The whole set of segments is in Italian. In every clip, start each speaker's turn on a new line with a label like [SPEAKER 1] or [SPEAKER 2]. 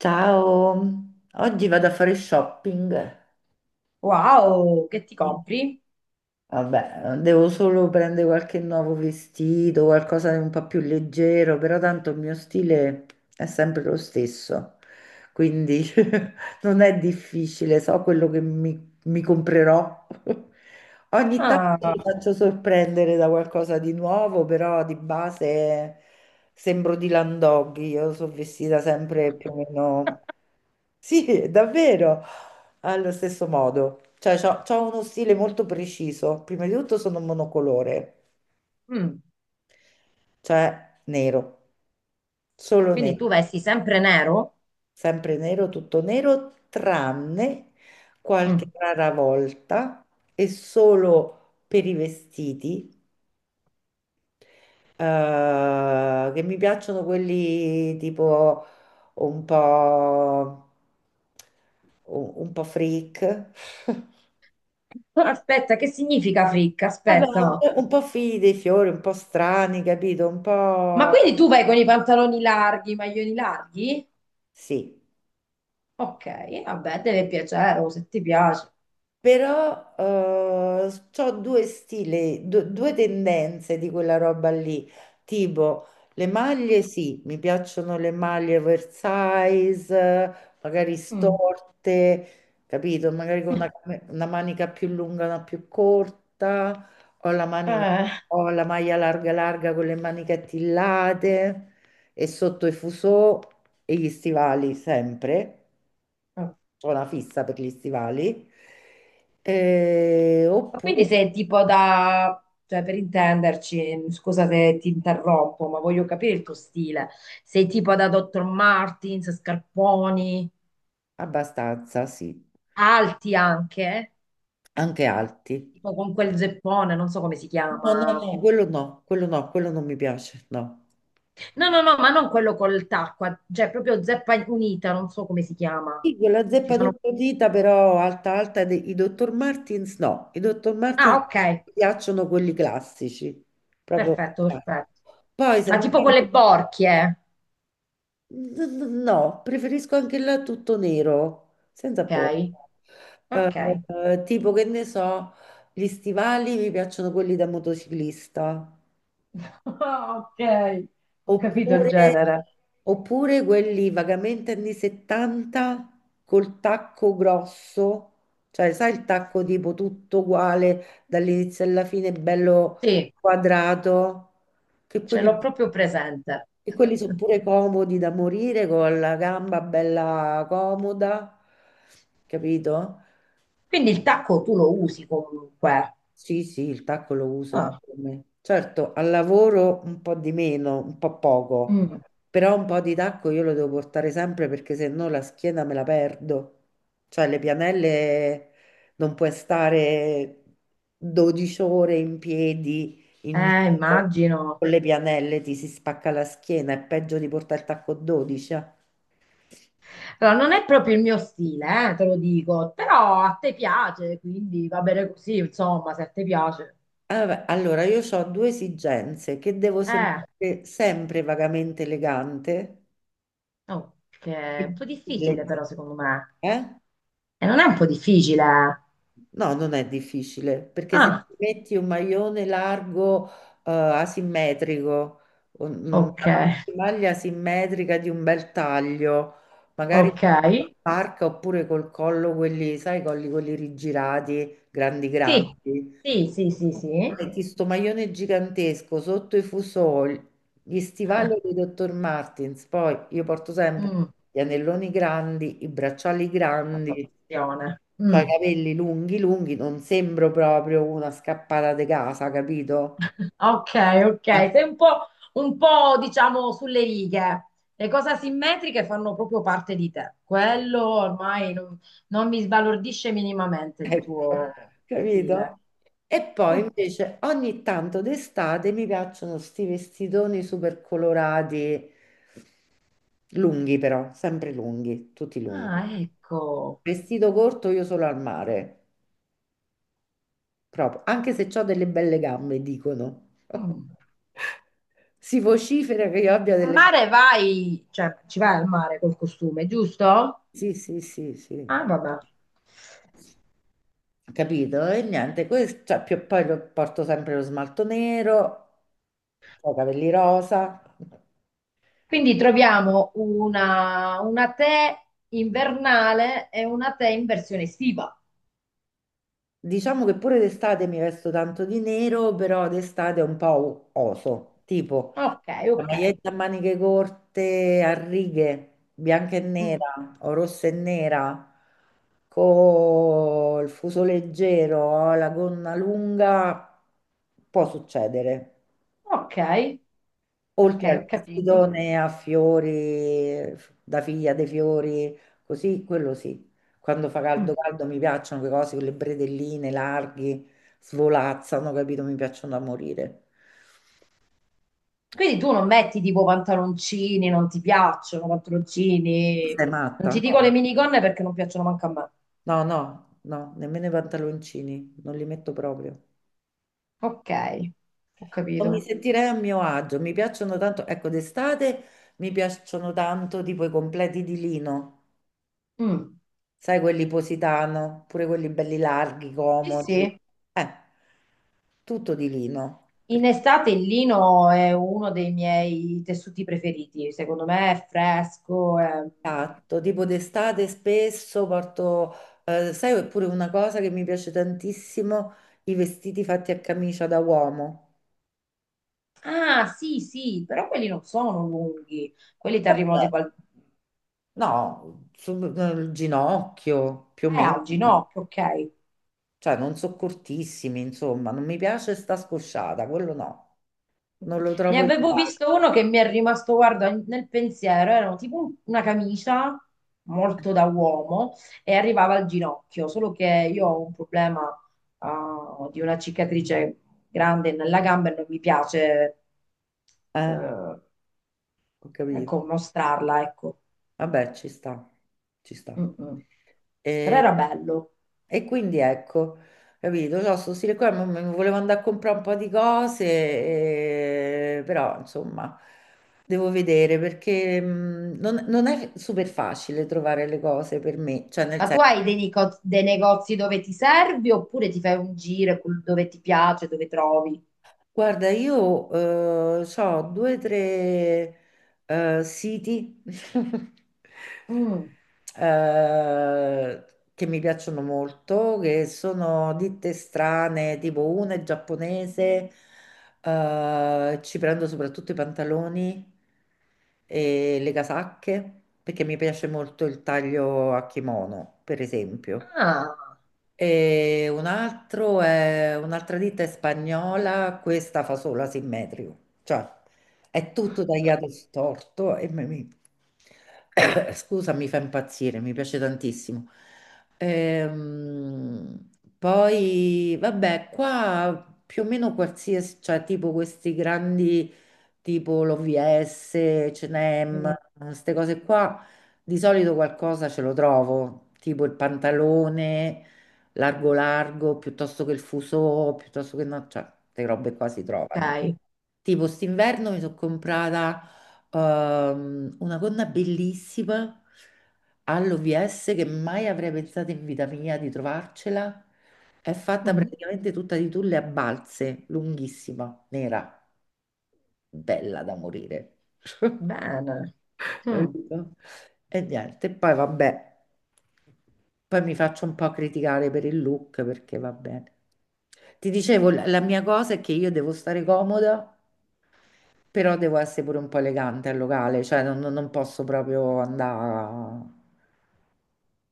[SPEAKER 1] Ciao, oggi vado a fare shopping.
[SPEAKER 2] Wow, che ti compri?
[SPEAKER 1] Vabbè, devo solo prendere qualche nuovo vestito, qualcosa di un po' più leggero, però tanto il mio stile è sempre lo stesso, quindi non è difficile, so quello che mi comprerò. Ogni tanto mi
[SPEAKER 2] Ah,
[SPEAKER 1] faccio sorprendere da qualcosa di nuovo, però di base sembro di Landoggi, io sono vestita sempre più o meno, sì, davvero, allo stesso modo. Cioè, c'ho uno stile molto preciso. Prima di tutto sono monocolore,
[SPEAKER 2] mm.
[SPEAKER 1] cioè nero, solo
[SPEAKER 2] Quindi
[SPEAKER 1] nero,
[SPEAKER 2] tu vesti sempre nero?
[SPEAKER 1] sempre nero, tutto nero, tranne qualche
[SPEAKER 2] Mm.
[SPEAKER 1] rara volta e solo per i vestiti, che mi piacciono quelli tipo un po' un po' freak.
[SPEAKER 2] Aspetta, che significa fricca?
[SPEAKER 1] Vabbè,
[SPEAKER 2] Aspetta.
[SPEAKER 1] un po' figli dei fiori, un po' strani, capito? Un
[SPEAKER 2] Ma
[SPEAKER 1] po'
[SPEAKER 2] quindi tu vai con i pantaloni larghi, i maglioni larghi?
[SPEAKER 1] sì.
[SPEAKER 2] Ok, vabbè, deve piacere, o se ti piace.
[SPEAKER 1] Però ho due stili, due tendenze di quella roba lì, tipo le maglie, sì, mi piacciono le maglie oversize, magari
[SPEAKER 2] Mm.
[SPEAKER 1] storte, capito? Magari con una, cam- una manica più lunga, una più corta, o la manica-
[SPEAKER 2] Eh,
[SPEAKER 1] o la maglia larga larga con le maniche attillate e sotto i fusò e gli stivali sempre,
[SPEAKER 2] mm.
[SPEAKER 1] ho una fissa per gli stivali,
[SPEAKER 2] Ma quindi
[SPEAKER 1] oppure
[SPEAKER 2] sei tipo da, cioè per intenderci, scusa se ti interrompo, ma voglio capire il tuo stile. Sei tipo da Dr. Martens, scarponi,
[SPEAKER 1] abbastanza, sì,
[SPEAKER 2] alti anche?
[SPEAKER 1] anche alti.
[SPEAKER 2] Tipo con quel zeppone, non so come si
[SPEAKER 1] No, no,
[SPEAKER 2] chiama.
[SPEAKER 1] no. Quello no, quello no, quello non mi piace, no.
[SPEAKER 2] No, no, no, ma non quello col tacco, cioè proprio zeppa unita, non so come si chiama.
[SPEAKER 1] Sì, quella
[SPEAKER 2] Ci
[SPEAKER 1] zeppa
[SPEAKER 2] sono...
[SPEAKER 1] dita però alta alta, i Dr. Martins no, i Dr.
[SPEAKER 2] Ah,
[SPEAKER 1] Martins
[SPEAKER 2] ok,
[SPEAKER 1] mi piacciono quelli classici, proprio.
[SPEAKER 2] perfetto,
[SPEAKER 1] eh.
[SPEAKER 2] perfetto.
[SPEAKER 1] Poi se
[SPEAKER 2] Ma tipo
[SPEAKER 1] andiamo,
[SPEAKER 2] quelle borchie, eh.
[SPEAKER 1] no, preferisco anche là tutto nero, senza porto.
[SPEAKER 2] Ok? Ok.
[SPEAKER 1] Eh, tipo che ne so, gli stivali mi piacciono quelli da motociclista,
[SPEAKER 2] Ah, ok, ho capito il
[SPEAKER 1] oppure,
[SPEAKER 2] genere.
[SPEAKER 1] oppure quelli vagamente anni 70 col tacco grosso, cioè sai il tacco tipo tutto uguale dall'inizio alla fine, bello
[SPEAKER 2] Sì,
[SPEAKER 1] quadrato. Che
[SPEAKER 2] ce
[SPEAKER 1] quelli
[SPEAKER 2] l'ho proprio presente.
[SPEAKER 1] E quelli sono pure comodi da morire con la gamba bella comoda, capito?
[SPEAKER 2] Quindi il tacco tu lo usi comunque.
[SPEAKER 1] Sì, sì, il tacco lo uso e
[SPEAKER 2] Ah.
[SPEAKER 1] come. Certo, al lavoro un po' di meno, un po' poco,
[SPEAKER 2] Mm.
[SPEAKER 1] però un po' di tacco io lo devo portare sempre perché se no la schiena me la perdo. Cioè le pianelle non puoi stare 12 ore in piedi in giro
[SPEAKER 2] Immagino.
[SPEAKER 1] con le pianelle, ti si spacca la schiena, è peggio di portare il tacco 12.
[SPEAKER 2] Allora, non è proprio il mio stile, te lo dico, però a te piace, quindi va bene così, insomma, se a te piace.
[SPEAKER 1] Ah, vabbè, allora, io ho due esigenze, che devo
[SPEAKER 2] Eh,
[SPEAKER 1] sembrare sempre vagamente elegante.
[SPEAKER 2] no, che è un po' difficile
[SPEAKER 1] Elegante,
[SPEAKER 2] però, secondo me.
[SPEAKER 1] eh?
[SPEAKER 2] E non è un po' difficile.
[SPEAKER 1] No, non è difficile, perché se
[SPEAKER 2] Ah,
[SPEAKER 1] ti metti un maglione largo, asimmetrico, un- mm,
[SPEAKER 2] ok,
[SPEAKER 1] una maglia asimmetrica di un bel taglio, magari
[SPEAKER 2] ok.
[SPEAKER 1] con la parca oppure col collo, quelli, sai, colli quelli rigirati, grandi
[SPEAKER 2] Sì,
[SPEAKER 1] grandi.
[SPEAKER 2] sì, sì, sì, sì.
[SPEAKER 1] Metti sto maglione gigantesco sotto i fusoli, gli stivali di Dr. Martens, poi io porto sempre
[SPEAKER 2] Mm,
[SPEAKER 1] gli anelloni grandi, i bracciali
[SPEAKER 2] la tua
[SPEAKER 1] grandi,
[SPEAKER 2] passione.
[SPEAKER 1] cioè i
[SPEAKER 2] Mm.
[SPEAKER 1] capelli lunghi lunghi, non sembro proprio una scappata di casa, capito?
[SPEAKER 2] Ok, ok, sei un po', diciamo sulle righe. Le cose asimmetriche fanno proprio parte di te. Quello ormai non, non mi sbalordisce minimamente
[SPEAKER 1] Eh,
[SPEAKER 2] il
[SPEAKER 1] Ecco,
[SPEAKER 2] tuo stile.
[SPEAKER 1] capito? E poi invece ogni tanto d'estate mi piacciono sti vestitoni super colorati, lunghi però, sempre lunghi, tutti
[SPEAKER 2] Ah,
[SPEAKER 1] lunghi.
[SPEAKER 2] ecco.
[SPEAKER 1] Vestito corto io solo al mare, proprio, anche se ho delle belle gambe, dicono.
[SPEAKER 2] Mm.
[SPEAKER 1] Si vocifera che io abbia
[SPEAKER 2] Al
[SPEAKER 1] delle.
[SPEAKER 2] mare vai, cioè ci vai al mare col costume, giusto?
[SPEAKER 1] Sì, sì, sì, sì.
[SPEAKER 2] Ah, vabbè.
[SPEAKER 1] Capito? E niente, questo, cioè, porto sempre lo smalto nero, ho i capelli rosa.
[SPEAKER 2] Quindi troviamo una te invernale e una te in versione estiva.
[SPEAKER 1] Diciamo che pure d'estate mi vesto tanto di nero, però d'estate è un po' oso, tipo
[SPEAKER 2] Ok,
[SPEAKER 1] la
[SPEAKER 2] ok.
[SPEAKER 1] maglietta a maniche corte a righe, bianca e
[SPEAKER 2] Mm.
[SPEAKER 1] nera o rossa e nera, col fuso leggero, la gonna lunga, può succedere.
[SPEAKER 2] Ok. Ok,
[SPEAKER 1] Oltre al
[SPEAKER 2] ho capito.
[SPEAKER 1] vestitone a fiori, da figlia dei fiori, così, quello sì. Quando fa
[SPEAKER 2] Mm.
[SPEAKER 1] caldo caldo mi piacciono quelle cose con le bretelline larghi, svolazzano, capito? Mi piacciono da morire.
[SPEAKER 2] Quindi tu non metti tipo pantaloncini, non ti piacciono pantaloncini,
[SPEAKER 1] Sei
[SPEAKER 2] non
[SPEAKER 1] matta,
[SPEAKER 2] ti dico le
[SPEAKER 1] no?
[SPEAKER 2] minigonne perché non piacciono manco a me.
[SPEAKER 1] No, no, no, nemmeno i pantaloncini, non li metto proprio.
[SPEAKER 2] Ok, ho
[SPEAKER 1] Non mi
[SPEAKER 2] capito.
[SPEAKER 1] sentirei a mio agio, mi piacciono tanto, ecco, d'estate mi piacciono tanto tipo i completi di lino,
[SPEAKER 2] Mm.
[SPEAKER 1] sai, quelli positano, pure quelli belli larghi,
[SPEAKER 2] Sì,
[SPEAKER 1] comodi,
[SPEAKER 2] sì.
[SPEAKER 1] eh, tutto di lino.
[SPEAKER 2] In
[SPEAKER 1] Perché,
[SPEAKER 2] estate il lino è uno dei miei tessuti preferiti, secondo me è fresco. È-
[SPEAKER 1] esatto, tipo d'estate spesso porto, sai, oppure una cosa che mi piace tantissimo, i vestiti fatti a camicia da uomo.
[SPEAKER 2] ah, sì, sì, però quelli non sono lunghi, quelli ti arrivano tipo al...
[SPEAKER 1] No, sul nel ginocchio più o meno,
[SPEAKER 2] al ginocchio, ok.
[SPEAKER 1] cioè non so, cortissimi, insomma, non mi piace sta scosciata, quello no, non lo
[SPEAKER 2] Ne
[SPEAKER 1] trovo il
[SPEAKER 2] avevo
[SPEAKER 1] luogo.
[SPEAKER 2] visto uno che mi è rimasto, guarda, nel pensiero, era tipo una camicia molto da uomo e arrivava al ginocchio, solo che io ho un problema, ah, di una cicatrice grande nella gamba e non mi piace,
[SPEAKER 1] Eh, ho capito.
[SPEAKER 2] ecco, mostrarla, ecco.
[SPEAKER 1] Vabbè, ci sta, ci sta.
[SPEAKER 2] Mm, mm. Però
[SPEAKER 1] E,
[SPEAKER 2] era bello.
[SPEAKER 1] e quindi ecco, capito, no, sto stile qua, mo- mi volevo andare a comprare un po' di cose, però insomma, devo vedere perché non è super facile trovare le cose per me, cioè nel
[SPEAKER 2] Ma tu
[SPEAKER 1] senso.
[SPEAKER 2] hai dei, dei negozi dove ti servi oppure ti fai un giro dove ti piace, dove trovi?
[SPEAKER 1] Guarda, io ho due o tre siti,
[SPEAKER 2] Mm.
[SPEAKER 1] eh, che mi piacciono molto, che sono ditte strane, tipo una è giapponese, ci prendo soprattutto i pantaloni e le casacche, perché mi piace molto il taglio a kimono, per esempio.
[SPEAKER 2] Ah,
[SPEAKER 1] Un'altra ditta è spagnola, questa fa solo asimmetrico, cioè è tutto tagliato storto e scusa, mi fa impazzire, mi piace tantissimo. Ehm, poi, vabbè, qua più o meno qualsiasi, cioè tipo questi grandi, tipo l'OVS,
[SPEAKER 2] mm,
[SPEAKER 1] H&M, queste cose qua, di solito qualcosa ce lo trovo, tipo il pantalone largo largo, piuttosto che il fuso, piuttosto che no, cioè, queste robe qua si
[SPEAKER 2] ok.
[SPEAKER 1] trovano. Tipo, st'inverno mi sono comprata una gonna bellissima all'OVS che mai avrei pensato in vita mia di trovarcela. È fatta
[SPEAKER 2] Mm,
[SPEAKER 1] praticamente tutta di tulle a balze, lunghissima, nera, bella da morire.
[SPEAKER 2] bene. Mm,
[SPEAKER 1] Capito? E niente, poi vabbè. Poi mi faccio un po' criticare per il look perché va bene. Ti dicevo, la mia cosa è che io devo stare comoda, però devo essere pure un po' elegante al locale, cioè non posso proprio andare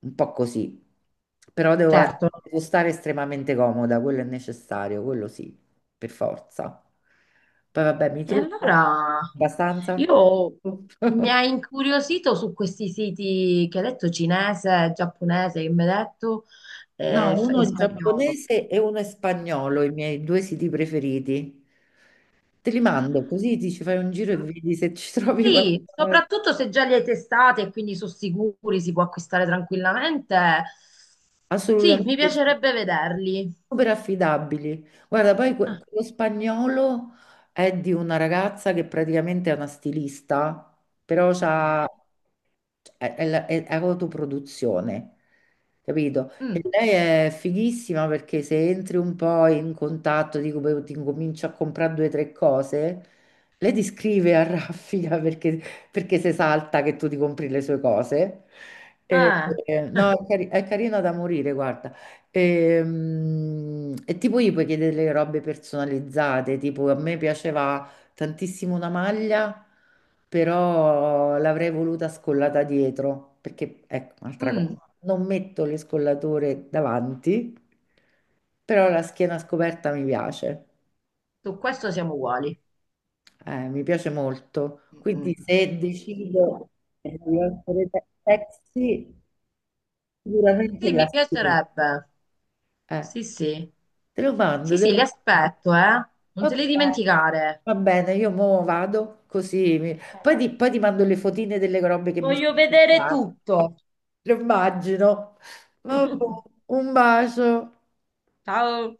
[SPEAKER 1] un po' così, però
[SPEAKER 2] certo.
[SPEAKER 1] devo stare estremamente comoda, quello è necessario, quello sì, per forza. Poi vabbè, mi
[SPEAKER 2] E
[SPEAKER 1] trucco
[SPEAKER 2] allora
[SPEAKER 1] abbastanza.
[SPEAKER 2] io, mi ha incuriosito su questi siti che hai detto cinese, giapponese, che mi hai detto, e,
[SPEAKER 1] No, uno
[SPEAKER 2] e
[SPEAKER 1] è
[SPEAKER 2] spagnolo.
[SPEAKER 1] giapponese e uno è spagnolo, i miei due siti preferiti. Te li mando, così ti ci fai un giro e
[SPEAKER 2] Mm,
[SPEAKER 1] vedi se ci trovi
[SPEAKER 2] sì,
[SPEAKER 1] qualcosa.
[SPEAKER 2] soprattutto se già li hai testati e quindi sono sicuri, si può acquistare tranquillamente. Sì, mi
[SPEAKER 1] Assolutamente sì,
[SPEAKER 2] piacerebbe vederli.
[SPEAKER 1] super affidabili. Guarda, poi
[SPEAKER 2] Ah,
[SPEAKER 1] quello spagnolo è di una ragazza che praticamente è una stilista, però
[SPEAKER 2] ok.
[SPEAKER 1] è autoproduzione, capito? E
[SPEAKER 2] Mm,
[SPEAKER 1] lei è fighissima perché se entri un po' in contatto, dico, beh, ti incomincio a comprare due o tre cose, lei ti scrive a raffica, perché, se salta che tu ti compri le sue cose. E-
[SPEAKER 2] eh,
[SPEAKER 1] no, è carina da morire, guarda. E tipo gli puoi chiedere le robe personalizzate, tipo a me piaceva tantissimo una maglia, però l'avrei voluta scollata dietro, perché ecco, un'altra
[SPEAKER 2] mm,
[SPEAKER 1] cosa, non metto le scollature davanti, però la schiena scoperta
[SPEAKER 2] su questo siamo uguali.
[SPEAKER 1] mi piace molto.
[SPEAKER 2] Mm,
[SPEAKER 1] Quindi
[SPEAKER 2] mm.
[SPEAKER 1] se decido di essere sexy, sicuramente
[SPEAKER 2] Sì,
[SPEAKER 1] la
[SPEAKER 2] mi
[SPEAKER 1] schiena.
[SPEAKER 2] piacerebbe.
[SPEAKER 1] Eh.
[SPEAKER 2] Sì, sì.
[SPEAKER 1] Te lo
[SPEAKER 2] Sì,
[SPEAKER 1] mando, te lo
[SPEAKER 2] sì, li
[SPEAKER 1] mando.
[SPEAKER 2] aspetto, eh. Non te
[SPEAKER 1] Ok,
[SPEAKER 2] li dimenticare.
[SPEAKER 1] va bene, io mo vado così.
[SPEAKER 2] Ok.
[SPEAKER 1] Poi ti mando le fotine delle robe che mi
[SPEAKER 2] Voglio
[SPEAKER 1] sono
[SPEAKER 2] vedere
[SPEAKER 1] studiate.
[SPEAKER 2] tutto.
[SPEAKER 1] Lo immagino. Vabbè, un bacio.
[SPEAKER 2] Ciao.